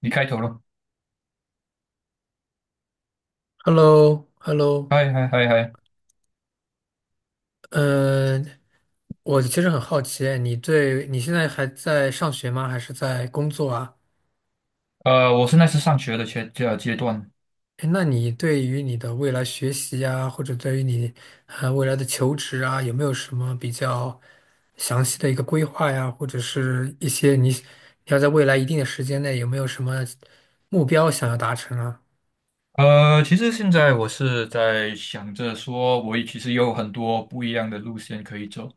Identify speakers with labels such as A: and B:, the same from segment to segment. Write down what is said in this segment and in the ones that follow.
A: 你开头了，
B: h e l l o h e l l o
A: 嗨嗨嗨嗨。
B: 嗯，我其实很好奇，你现在还在上学吗？还是在工作啊？
A: 我现在是那时上学的阶段，
B: 诶那你对于你的未来学习啊，或者对于你未来的求职啊，有没有什么比较详细的一个规划呀？或者是一些你要在未来一定的时间内有没有什么目标想要达成啊？
A: 其实现在我是在想着说，我也其实有很多不一样的路线可以走。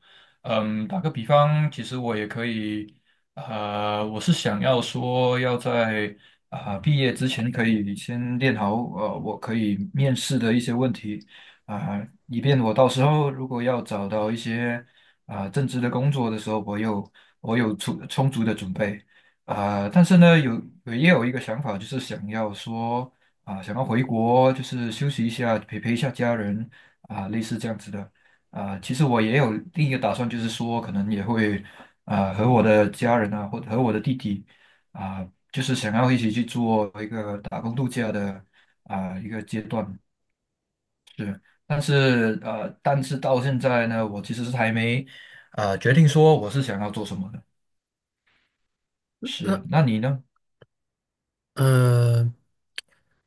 A: 嗯，打个比方，其实我也可以。我是想要说要在啊、毕业之前可以先练好。我可以面试的一些问题啊、以便我到时候如果要找到一些啊、正职的工作的时候，我有充足的准备。啊、但是呢，有也有一个想法，就是想要说。啊，想要回国就是休息一下，陪陪一下家人啊，类似这样子的啊。其实我也有另一个打算，就是说可能也会啊和我的家人啊，或者和我的弟弟啊，就是想要一起去做一个打工度假的啊一个阶段是。但是到现在呢，我其实是还没决定说我是想要做什么的。是，那你呢？
B: 嗯，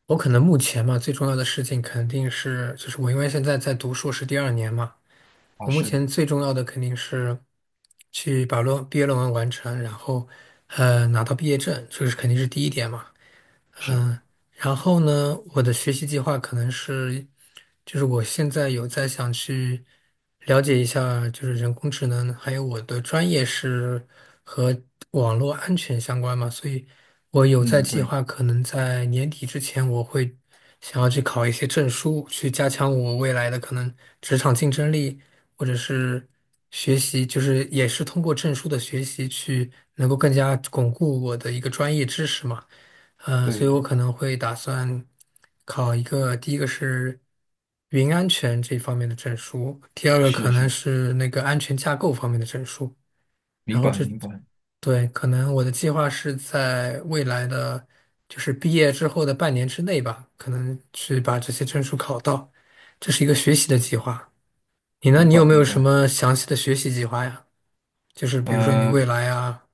B: 我可能目前嘛，最重要的事情肯定是，就是我因为现在在读硕士第二年嘛。
A: 啊，
B: 我目
A: 是
B: 前最重要的肯定是去把毕业论文完成，然后拿到毕业证，这个是肯定是第一点嘛。
A: 是，
B: 然后呢，我的学习计划可能是，就是我现在有在想去了解一下，就是人工智能，还有我的专业是和网络安全相关嘛，所以我有在
A: 嗯，
B: 计
A: 对
B: 划，可能在年底之前，我会想要去考一些证书，去加强我未来的可能职场竞争力，或者是学习，就是也是通过证书的学习去能够更加巩固我的一个专业知识嘛。所
A: 对
B: 以我
A: 对，
B: 可能会打算考一个，第一个是云安全这方面的证书，第二个
A: 是
B: 可能
A: 是，
B: 是那个安全架构方面的证书。
A: 明
B: 然后
A: 白明白
B: 对，可能我的计划是在未来的，就是毕业之后的半年之内吧，可能去把这些证书考到。这是一个学习的计划。你呢？
A: 明
B: 你有
A: 白
B: 没有
A: 明
B: 什
A: 白。
B: 么详细的学习计划呀？就是比如说你
A: 呃
B: 未来啊，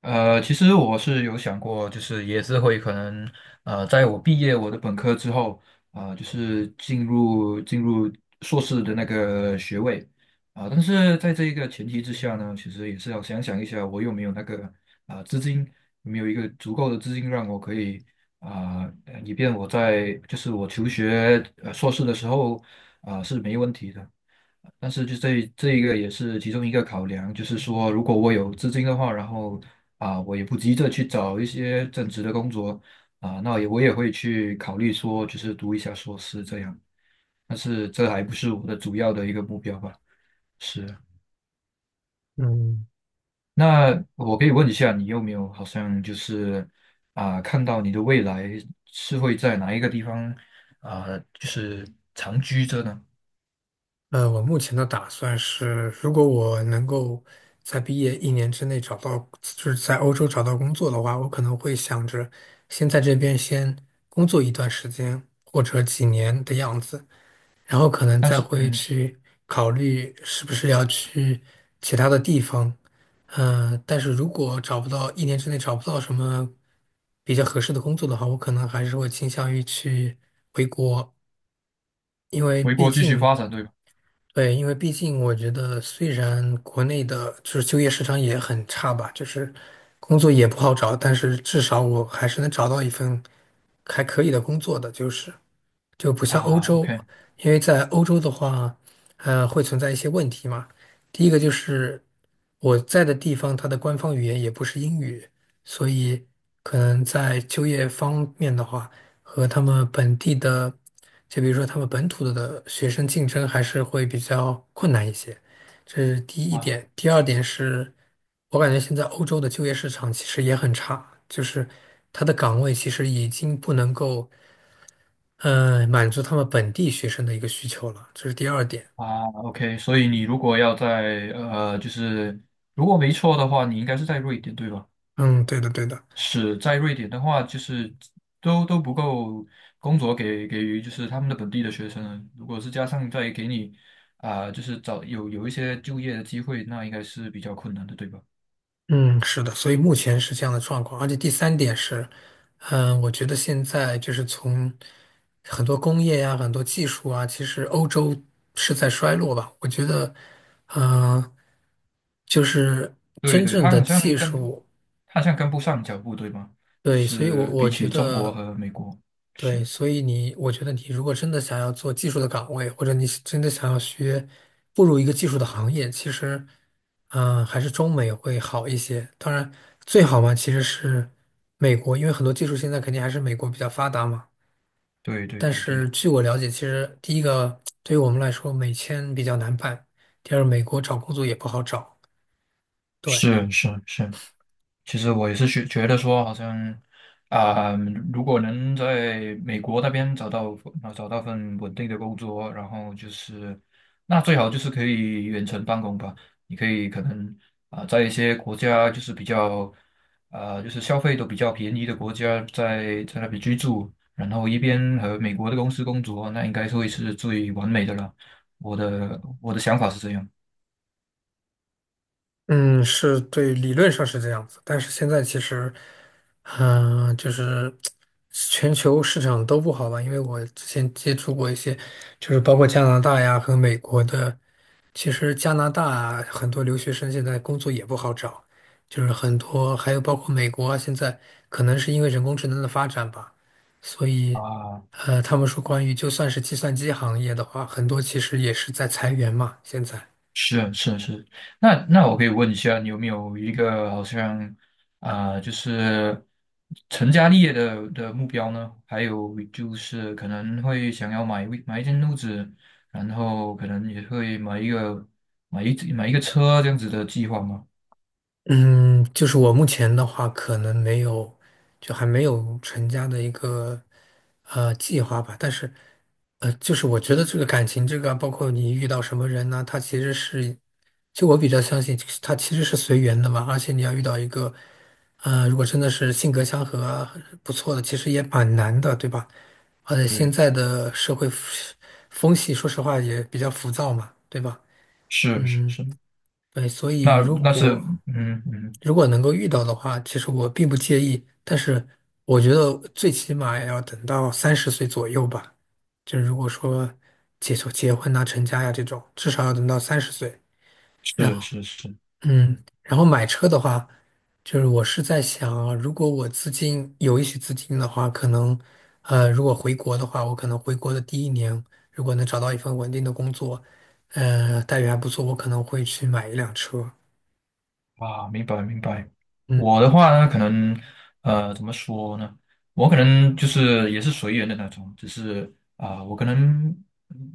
A: 其实我是有想过，就是也是会可能。在我毕业我的本科之后，啊、就是进入硕士的那个学位，啊、但是在这一个前提之下呢，其实也是要想想一下，我有没有那个啊、资金，有没有一个足够的资金让我可以啊、以便我在就是我求学硕士的时候啊、是没问题的。但是就这一个也是其中一个考量，就是说，如果我有资金的话，然后啊，我也不急着去找一些正职的工作啊，我也会去考虑说，就是读一下硕士这样。但是这还不是我的主要的一个目标吧？是。
B: 嗯。
A: 那我可以问一下，你有没有好像就是啊，看到你的未来是会在哪一个地方啊，就是长居着呢？
B: 我目前的打算是，如果我能够在毕业一年之内找到，就是在欧洲找到工作的话，我可能会想着先在这边先工作一段时间，或者几年的样子，然后可能
A: 但
B: 再
A: 是
B: 会
A: 嗯，
B: 去考虑是不是要去其他的地方。但是如果找不到，一年之内找不到什么比较合适的工作的话，我可能还是会倾向于去回国，因为
A: 回
B: 毕
A: 国继续发
B: 竟。
A: 展，对吧？
B: 对，因为毕竟我觉得，虽然国内的就是就业市场也很差吧，就是工作也不好找，但是至少我还是能找到一份还可以的工作的，就是就不像欧
A: 啊
B: 洲，
A: ，OK。
B: 因为在欧洲的话，会存在一些问题嘛。第一个就是我在的地方，它的官方语言也不是英语，所以可能在就业方面的话。和他们本地的，就比如说他们本土的学生竞争还是会比较困难一些，这是第一
A: 啊。
B: 点。第二点是，我感觉现在欧洲的就业市场其实也很差，就是他的岗位其实已经不能够，满足他们本地学生的一个需求了，这是第二点。
A: 啊，OK，所以你如果要在就是如果没错的话，你应该是在瑞典对吧？
B: 嗯，对的，对的。
A: 是在瑞典的话，就是都不够工作给予就是他们的本地的学生。如果是加上再给你啊、就是找有一些就业的机会，那应该是比较困难的对吧？
B: 嗯，是的，所以目前是这样的状况，而且第三点是，嗯，我觉得现在就是从很多工业呀、很多技术啊，其实欧洲是在衰落吧。我觉得，嗯、就是
A: 对
B: 真
A: 对，
B: 正
A: 他
B: 的
A: 好像
B: 技
A: 跟
B: 术，
A: 他好像跟不上脚步对吗？就
B: 对，所以我
A: 是
B: 我
A: 比
B: 觉
A: 起中国
B: 得。
A: 和美国，是，
B: 对，所以你，我觉得你如果真的想要做技术的岗位，或者你是真的想要学步入一个技术的行业，其实，嗯、还是中美会好一些。当然，最好嘛，其实是美国，因为很多技术现在肯定还是美国比较发达嘛。
A: 对对
B: 但
A: 对对，
B: 是据我了解，其实第一个对于我们来说，美签比较难办，第二，美国找工作也不好找。对。
A: 是是是。其实我也是觉得说，好像啊、如果能在美国那边找到份稳定的工作，然后就是那最好就是可以远程办公吧。你可以可能啊、在一些国家就是比较啊、就是消费都比较便宜的国家在那边居住，然后一边和美国的公司工作，那应该是会是最完美的了。我的想法是这样
B: 嗯，是对，理论上是这样子，但是现在其实，嗯、就是全球市场都不好吧？因为我之前接触过一些，就是包括加拿大呀和美国的，其实加拿大啊很多留学生现在工作也不好找，就是很多，还有包括美国啊，现在可能是因为人工智能的发展吧，所以，
A: 啊。
B: 他们说关于就算是计算机行业的话，很多其实也是在裁员嘛，现在。
A: 是是是，那我可以问一下，你有没有一个好像啊、就是成家立业的目标呢？还有就是可能会想要买一间屋子，然后可能也会买一个车这样子的计划吗？
B: 嗯，就是我目前的话，可能没有，就还没有成家的一个计划吧。但是，就是我觉得这个感情，这个啊包括你遇到什么人呢、他其实是，就我比较相信，他其实是随缘的嘛。而且你要遇到一个，如果真的是性格相合啊不错的，其实也蛮难的，对吧？而且现
A: 对，
B: 在的社会风气，说实话也比较浮躁嘛，对吧？
A: 是是
B: 嗯，
A: 是，
B: 对，所以
A: 那
B: 如
A: 那是
B: 果
A: 嗯嗯
B: 如果能够遇到的话，其实我并不介意，但是我觉得最起码也要等到三十岁左右吧。就如果说就结婚呐、成家呀、这种，至少要等到三十岁。然
A: 是
B: 后，
A: 是是，
B: 嗯，然后买车的话，就是我是在想啊，如果我资金有一些资金的话，可能，如果回国的话，我可能回国的第一年，如果能找到一份稳定的工作，待遇还不错，我可能会去买一辆车。
A: 啊，明白明白。
B: 嗯。
A: 我的话呢，可能，怎么说呢？我可能就是也是随缘的那种，只是啊、我可能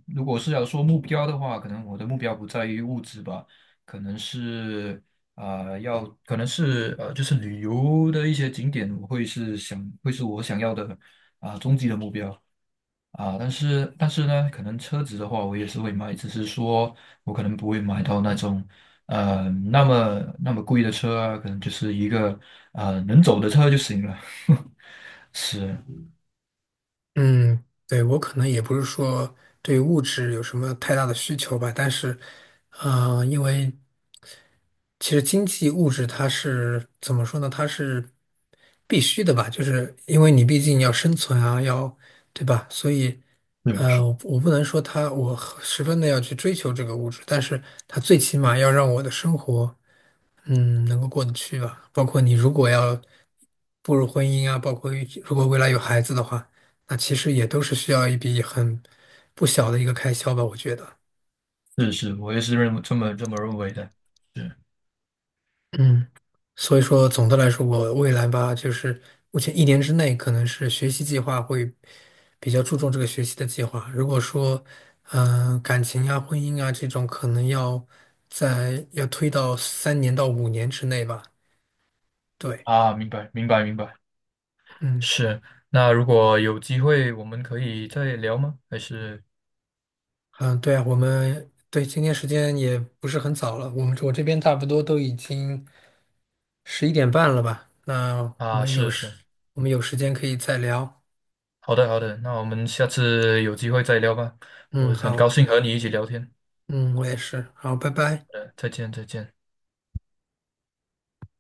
A: 如果是要说目标的话，可能我的目标不在于物质吧，可能是啊，要可能是呃，就是旅游的一些景点，我会是想会是我想要的啊、终极的目标。啊，但是呢，可能车子的话，我也是会买，只是说我可能不会买到那种那么贵的车啊，可能就是一个能走的车就行了。是，
B: 嗯，对，我可能也不是说对物质有什么太大的需求吧，但是，因为其实经济物质它是怎么说呢？它是必须的吧，就是因为你毕竟要生存啊，要，对吧？所以，
A: 是
B: 呃，
A: 是
B: 我我不能说它，我十分的要去追求这个物质，但是它最起码要让我的生活。嗯，能够过得去吧。包括你如果要步入婚姻啊，包括如果未来有孩子的话，那其实也都是需要一笔很不小的一个开销吧，我觉得。
A: 是是，我也是认为这么认为的。是
B: 嗯，所以说总的来说，我未来吧，就是目前一年之内，可能是学习计划会比较注重这个学习的计划。如果说，嗯、感情啊、婚姻啊这种，可能要在要推到3年到5年之内吧。对，
A: 啊，明白明白明白。
B: 嗯。
A: 是，那如果有机会，我们可以再聊吗？还是
B: 嗯，对啊，我们对今天时间也不是很早了，我们我这边差不多都已经11:30了吧？那
A: 啊，是是，
B: 我们有时间可以再聊。
A: 好的好的，那我们下次有机会再聊吧。我
B: 嗯，
A: 很
B: 好，
A: 高兴和你一起聊天。
B: 嗯，我也是，好，拜拜。
A: 再见再见。